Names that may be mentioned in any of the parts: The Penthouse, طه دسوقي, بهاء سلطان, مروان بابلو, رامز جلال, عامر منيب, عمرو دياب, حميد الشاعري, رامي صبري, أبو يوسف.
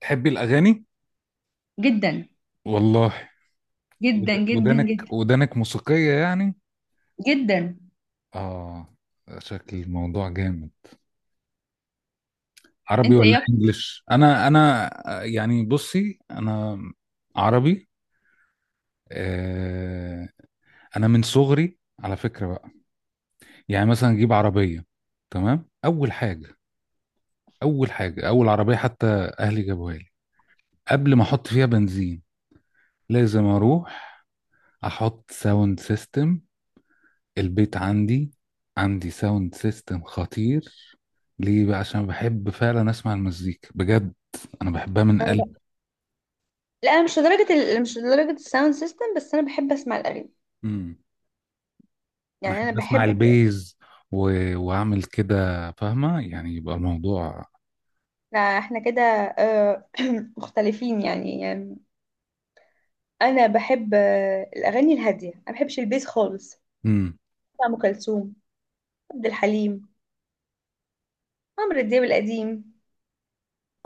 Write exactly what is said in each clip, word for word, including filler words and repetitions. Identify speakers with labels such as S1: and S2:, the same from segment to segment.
S1: تحبي الأغاني؟
S2: جدا
S1: والله.
S2: جدا
S1: ود-
S2: جدا
S1: ودانك
S2: جدا
S1: ودانك موسيقية يعني؟
S2: جدا.
S1: آه. شكل الموضوع جامد. عربي
S2: انت ايه
S1: ولا
S2: اكتر؟
S1: إنجليش؟ أنا أنا، آه، يعني بصي أنا عربي. آه. أنا من صغري على فكرة بقى، يعني مثلا أجيب عربية. تمام؟ أول حاجة أول حاجة، أول عربية، حتى أهلي جابوها لي. قبل ما أحط فيها بنزين لازم أروح أحط ساوند سيستم. البيت عندي عندي ساوند سيستم خطير. ليه بقى؟ عشان بحب فعلا اسمع المزيكا بجد. انا بحبها من
S2: أنا
S1: قلبي.
S2: ب- لا، أنا مش لدرجة ال... مش لدرجة الساوند سيستم، بس أنا بحب أسمع الأغاني.
S1: امم. انا
S2: يعني أنا
S1: احب اسمع
S2: بحب.
S1: البيز و... واعمل كده، فاهمه؟ يعني يبقى الموضوع.
S2: إحنا إحنا كده، آه، مختلفين يعني. يعني أنا بحب، آه، الأغاني الهادية، أنا بحبش البيس خالص.
S1: امم.
S2: بتاع أم كلثوم، عبد الحليم، عمرو دياب القديم.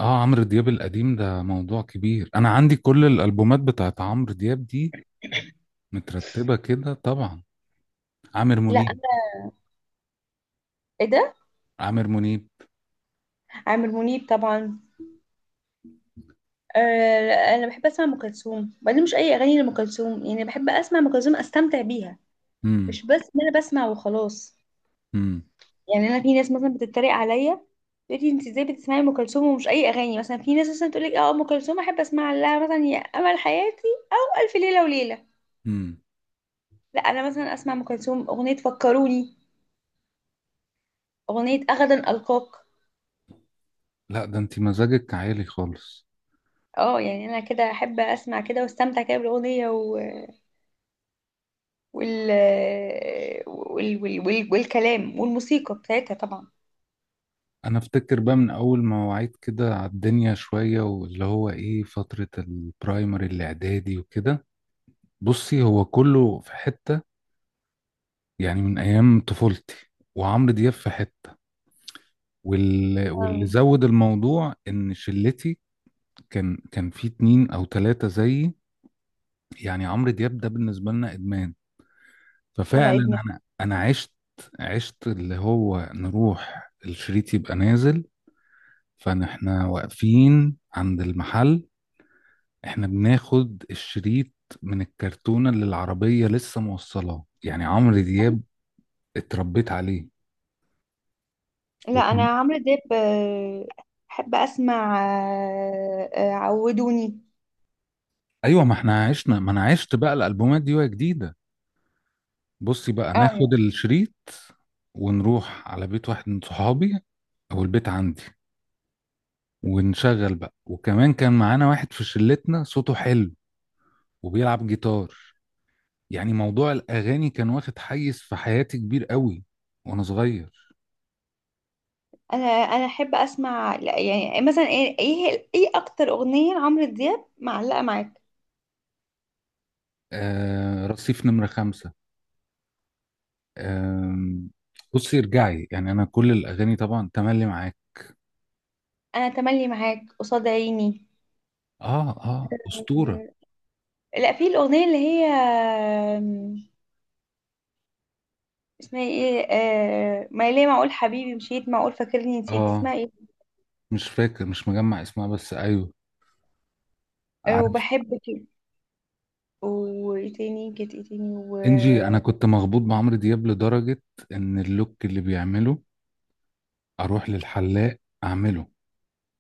S1: اه، عمرو دياب القديم ده موضوع كبير، انا عندي كل الالبومات بتاعت عمرو دياب دي مترتبه كده طبعا. عامر
S2: لا، أنا.
S1: منيب.
S2: إيه ده،
S1: عامر منيب.
S2: عامر منيب طبعا. آه. لا، أنا بحب أسمع أم كلثوم، وبعدين مش أي أغاني لأم كلثوم، يعني بحب أسمع أم كلثوم أستمتع بيها،
S1: امم.
S2: مش بس إن أنا بسمع وخلاص.
S1: امم.
S2: يعني انا، في ناس مثلا بتتريق عليا، تقول لي: انت ازاي بتسمعي ام كلثوم ومش اي اغاني مثلا؟ في ناس مثلا تقول لك: اه، ام كلثوم احب اسمع لها مثلا يا امل حياتي، والف ليله وليله.
S1: امم.
S2: لا، انا مثلا اسمع ام كلثوم اغنيه فكروني، اغنيه غدا القاك.
S1: لا، ده انت مزاجك عالي خالص.
S2: اه، يعني انا كده احب اسمع كده واستمتع كده بالاغنيه و... وال... وال... وال... وال... والكلام والموسيقى بتاعتها طبعا.
S1: انا افتكر بقى من اول ما وعيت كده على الدنيا شوية، واللي هو ايه، فترة البرايمري الاعدادي وكده. بصي، هو كله في حتة، يعني من ايام طفولتي، وعمرو دياب في حتة. وال... واللي
S2: آه.
S1: زود الموضوع ان شلتي كان كان في اتنين او تلاتة زيي، يعني عمرو دياب ده بالنسبة لنا ادمان.
S2: وانا
S1: ففعلا
S2: ادمان.
S1: انا انا عشت، عشت اللي هو نروح الشريط يبقى نازل، فاحنا واقفين عند المحل، احنا بناخد الشريط من الكرتونة اللي العربية لسه موصلاه. يعني عمرو دياب اتربيت عليه.
S2: لا، انا
S1: وكان.
S2: عمرو دياب، آه، احب اسمع، آه، آه، عودوني.
S1: ايوه، ما احنا عشنا، ما انا عشت بقى الالبومات دي وهي جديدة. بصي بقى، ناخد
S2: اه.
S1: الشريط ونروح على بيت واحد من صحابي، او البيت عندي، ونشغل بقى. وكمان كان معانا واحد في شلتنا صوته حلو وبيلعب جيتار. يعني موضوع الاغاني كان واخد حيز في حياتي كبير قوي وانا صغير.
S2: انا انا احب اسمع، لا، يعني مثلا ايه ايه إيه اكتر اغنيه لعمرو دياب معلقه معاك؟
S1: آه، رصيف نمرة خمسة. أم، بصي ارجعي، يعني انا كل الاغاني طبعا تملي معاك.
S2: انا تملي معاك، قصاد عيني.
S1: اه، اه، اسطوره.
S2: آه. لا، في الاغنيه اللي هي، آم، اسمها ايه، آه، ما ليه معقول حبيبي مشيت معقول فاكرني نسيت،
S1: اه،
S2: اسمها ايه؟
S1: مش فاكر، مش مجمع اسمها، بس ايوه،
S2: آه،
S1: عارف.
S2: وبحبك. وايه تاني؟ كانت ايه تاني و.
S1: انجي، انا كنت مخبوط بعمرو دياب لدرجه ان اللوك اللي بيعمله اروح للحلاق اعمله.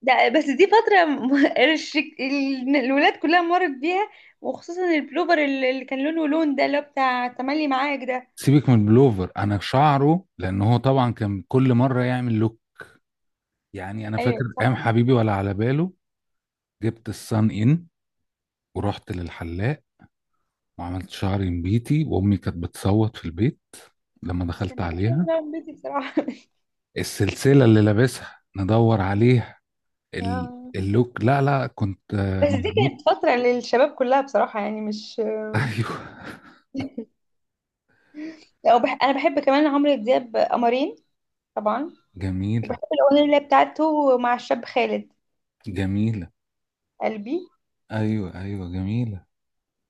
S2: ده، بس دي فترة م- الشك- ال- الولاد كلها مرت بيها، وخصوصا البلوفر اللي اللي كان لونه لون ده اللي هو بتاع تملي معاك ده.
S1: سيبك من البلوفر، انا شعره، لان هو طبعا كان كل مره يعمل لوك. يعني انا فاكر
S2: ايوه،
S1: ايام
S2: صح.
S1: حبيبي ولا على باله، جبت الصن ان ورحت للحلاق وعملت شعري نبيتي، وامي كانت بتصوت في البيت لما
S2: بس
S1: دخلت
S2: ما كانش
S1: عليها.
S2: واحد من بيتي بصراحة.
S1: السلسله اللي لابسها ندور عليها. ال-
S2: اه.
S1: اللوك لا لا، كنت آه،
S2: بس دي
S1: مظبوط.
S2: كانت فترة للشباب كلها بصراحة، يعني مش.
S1: ايوه.
S2: لا، وبح... أنا بحب كمان عمرو دياب قمرين. طبعا. وبحب
S1: جميله.
S2: الأغنية اللي هي بتاعته مع الشاب خالد.
S1: جميله.
S2: قلبي.
S1: ايوه، ايوه، جميله.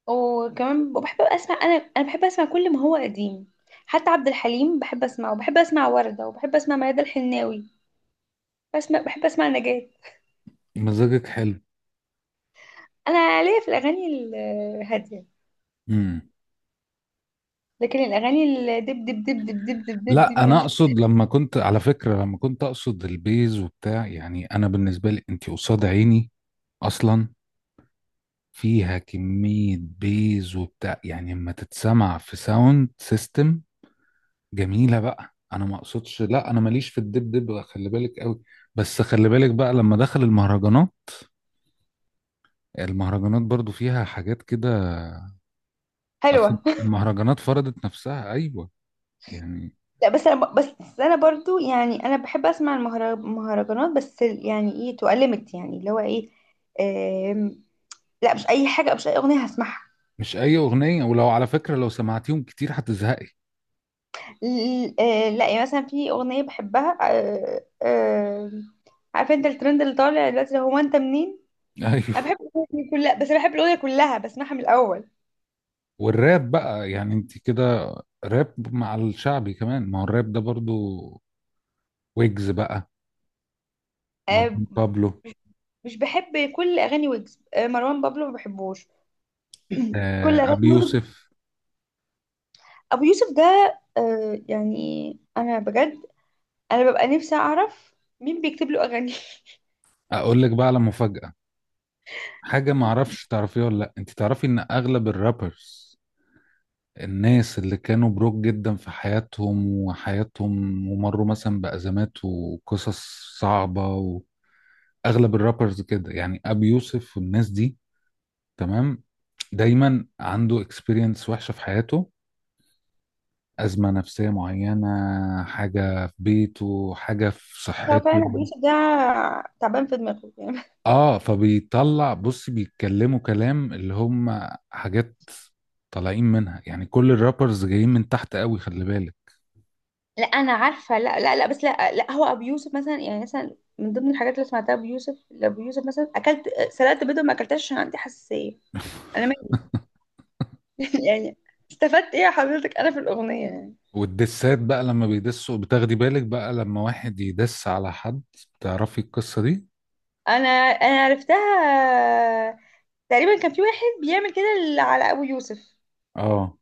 S2: وكمان بحب أسمع، أنا أنا بحب أسمع كل ما هو قديم. حتى عبد الحليم بحب أسمعه، وبحب أسمع وردة، وبحب أسمع ميادة الحناوي. بسمع بحب أسمع نجاة.
S1: مزاجك حلو.
S2: أنا ليا في الأغاني الهادية.
S1: امم.
S2: لكن الأغاني الدب دب دب دب دب دب دب دب
S1: لا، انا
S2: ماليش-
S1: اقصد لما كنت، على فكره، لما كنت اقصد البيز وبتاع، يعني انا بالنسبه لي انت قصاد عيني اصلا فيها كميه بيز وبتاع، يعني لما تتسمع في ساوند سيستم جميلة بقى. انا ما اقصدش، لا انا ماليش في الدبدب، خلي بالك قوي. بس خلي بالك بقى لما دخل المهرجانات، المهرجانات برضو فيها حاجات كده. اصل
S2: حلوة.
S1: المهرجانات فرضت نفسها، ايوه، يعني.
S2: لا، بس انا ب- بس انا برضو، يعني انا بحب اسمع المهر- المهرجانات، بس يعني ايه، تؤلمت يعني، اللي هو ايه. آم، لا، مش اي حاجه، مش اي اغنيه هسمعها.
S1: مش اي اغنية، ولو على فكرة لو سمعتيهم كتير هتزهقي.
S2: ل- آه، لا، يعني مثلا في اغنيه بحبها، آه، آه، عارفه انت الترند اللي طالع دلوقتي اللي هو انت منين؟ انا
S1: ايوه.
S2: بحب الاغنيه دي كلها، بس انا بحب الاغنيه كلها بسمعها من الاول.
S1: والراب بقى، يعني انت كده، راب مع الشعبي كمان، ما هو الراب ده برضو. ويجز بقى،
S2: آه،
S1: مروان بابلو.
S2: مش بحب كل اغاني ويجز، آه، مروان بابلو ما بحبوش. كل
S1: آه،
S2: اغاني
S1: ابي
S2: ويجز.
S1: يوسف.
S2: ابو يوسف ده. آه، يعني انا بجد انا ببقى نفسي اعرف مين بيكتب له اغاني.
S1: اقول لك بقى على مفاجأة، حاجة معرفش تعرفيها ولا لأ، انت تعرفي ان اغلب الرابرز، الناس اللي كانوا بروك جدا في حياتهم وحياتهم، ومروا مثلا بأزمات وقصص صعبة، واغلب الرابرز كده، يعني ابي يوسف والناس دي، تمام، دايما عنده اكسبيرينس وحشة في حياته، أزمة نفسية معينة، حاجة في بيته، حاجة في
S2: هو
S1: صحته.
S2: فعلا ابو يوسف ده تعبان في دماغه يعني.
S1: اه، فبيطلع، بص، بيتكلموا كلام اللي هم حاجات طالعين منها، يعني كل الرابرز جايين من تحت قوي، خلي بالك.
S2: لا، انا عارفه. لا لا لا، بس لا لا، هو ابو يوسف مثلا، يعني مثلا من ضمن الحاجات اللي سمعتها ابو يوسف لابو يوسف مثلا: اكلت، سلقت بيضه ما اكلتهاش عشان عندي حساسيه. انا ما. يعني استفدت ايه يا حضرتك انا في الاغنيه يعني؟
S1: والدسات بقى، لما بيدسوا بتاخدي بالك بقى لما واحد يدس على حد، تعرفي القصة دي؟
S2: انا انا عرفتها. تقريبا كان في واحد بيعمل كده على ابو يوسف،
S1: اه،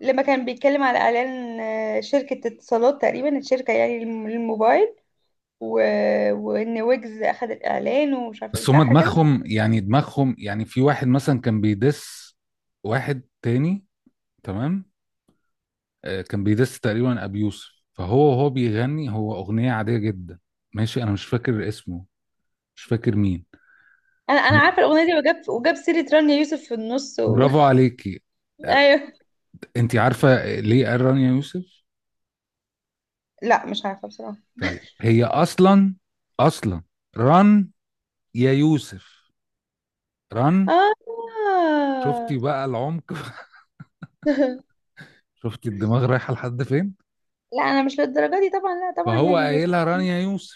S2: لما كان بيتكلم على اعلان شركه اتصالات تقريبا، الشركه يعني الموبايل، و... وان ويجز اخد الاعلان ومش عارفه ايه،
S1: بس هما
S2: صح كده.
S1: دماغهم، يعني دماغهم، يعني في واحد مثلا كان بيدس واحد تاني، تمام. آه، كان بيدس تقريبا ابي يوسف، فهو وهو بيغني هو اغنية عادية جدا ماشي. انا مش فاكر اسمه، مش فاكر مين.
S2: انا انا عارفه الاغنيه دي، وجاب وجاب سيره رانيا يوسف في النص و...
S1: برافو عليكي.
S2: ايوه.
S1: انت عارفه ليه قال ران يا يوسف؟
S2: لا، مش عارفه بصراحه.
S1: طيب، هي اصلا اصلا ران يا يوسف. ران. شفتي
S2: اه.
S1: بقى العمق؟ شفتي الدماغ رايحه لحد فين؟
S2: لا، انا مش للدرجه دي طبعا، لا طبعا،
S1: فهو
S2: يعني مش.
S1: قايلها ران يا يوسف،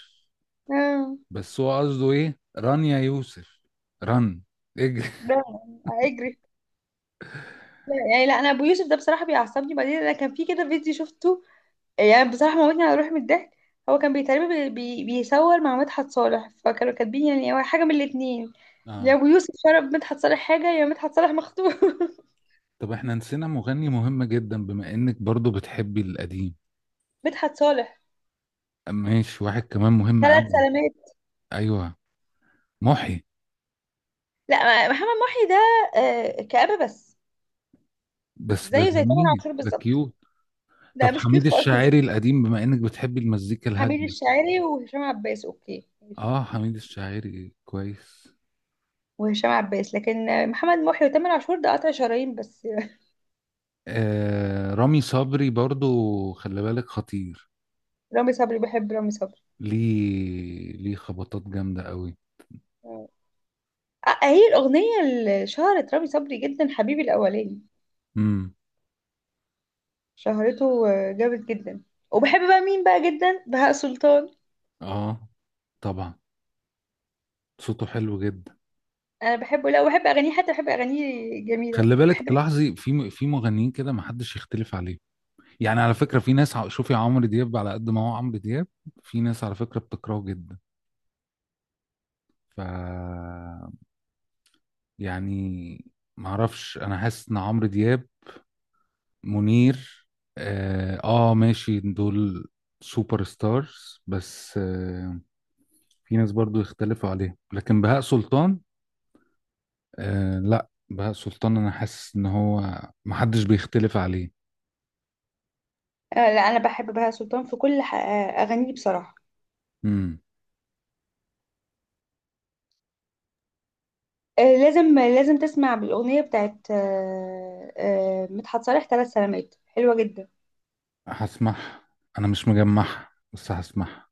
S2: اه.
S1: بس هو قصده ايه؟ ران يا يوسف. ران، اجري.
S2: ده. اجري. لا، يعني لا، انا ابو يوسف ده بصراحه بيعصبني، بعدين انا كان في كده فيديو شفته، يعني بصراحة موتني على روحي من الضحك. هو كان بيتقريبا بي... بي... بيصور مع مدحت صالح، فكانوا كاتبين يعني هو حاجة من الاتنين: يا
S1: اه.
S2: أبو يوسف شرب مدحت صالح حاجة، يا مدحت صالح مخطوب.
S1: طب احنا نسينا مغني مهم جدا، بما انك برضو بتحبي القديم،
S2: مدحت صالح.
S1: ماشي، واحد كمان مهم
S2: ثلاث
S1: قوي.
S2: سلامات.
S1: ايوه. محي.
S2: لا، محمد محي ده آه، كآبة بس.
S1: بس ده
S2: زيه زي تامر
S1: جميل،
S2: عاشور
S1: ده
S2: بالظبط.
S1: كيوت.
S2: لا،
S1: طب
S2: مش كيوت
S1: حميد
S2: خالص.
S1: الشاعري القديم بما انك بتحبي المزيكا
S2: حميد
S1: الهاديه.
S2: الشاعري وهشام عباس، اوكي، ماشي،
S1: اه، حميد الشاعري كويس.
S2: وهشام عباس، لكن محمد محي وتامر عاشور ده قطع شرايين بس.
S1: آه، رامي صبري برضو، خلي بالك، خطير.
S2: رامي صبري، بحب رامي صبري.
S1: ليه ليه خبطات جامده قوي.
S2: آه، هي الأغنية اللي شهرت رامي صبري جدا، حبيبي الأولاني.
S1: امم.
S2: شهرته آه، جامد جدا. وبحب بقى مين بقى جدا؟ بهاء سلطان.
S1: اه، طبعا، صوته حلو جدا.
S2: أنا بحبه، لا، وبحب أغانيه، حتى بحب أغانيه جميلة،
S1: خلي بالك
S2: بحب.
S1: تلاحظي، في م- في مغنيين كده ما حدش يختلف عليه. يعني على فكره في ناس، ع- شوفي عمرو دياب على قد ما هو عمرو دياب، في ناس على فكره بتكرهه جدا. ف، يعني معرفش، انا حاسس ان عمرو دياب، منير، اه، آه، ماشي، دول سوبر ستارز. بس آه في ناس برضو يختلفوا عليه، لكن بهاء سلطان، آه، لا، بهاء سلطان انا حاسس ان هو محدش بيختلف عليه.
S2: آه، لا، أنا بحب بهاء سلطان في كل ح- آه، أغانيه بصراحة.
S1: امم.
S2: آه، لازم لازم تسمع بالأغنية بتاعت، آه، آه، مدحت صالح ثلاث سلامات، حلوة جدا.
S1: هسمعها. انا مش مجمعها بس هسمعها.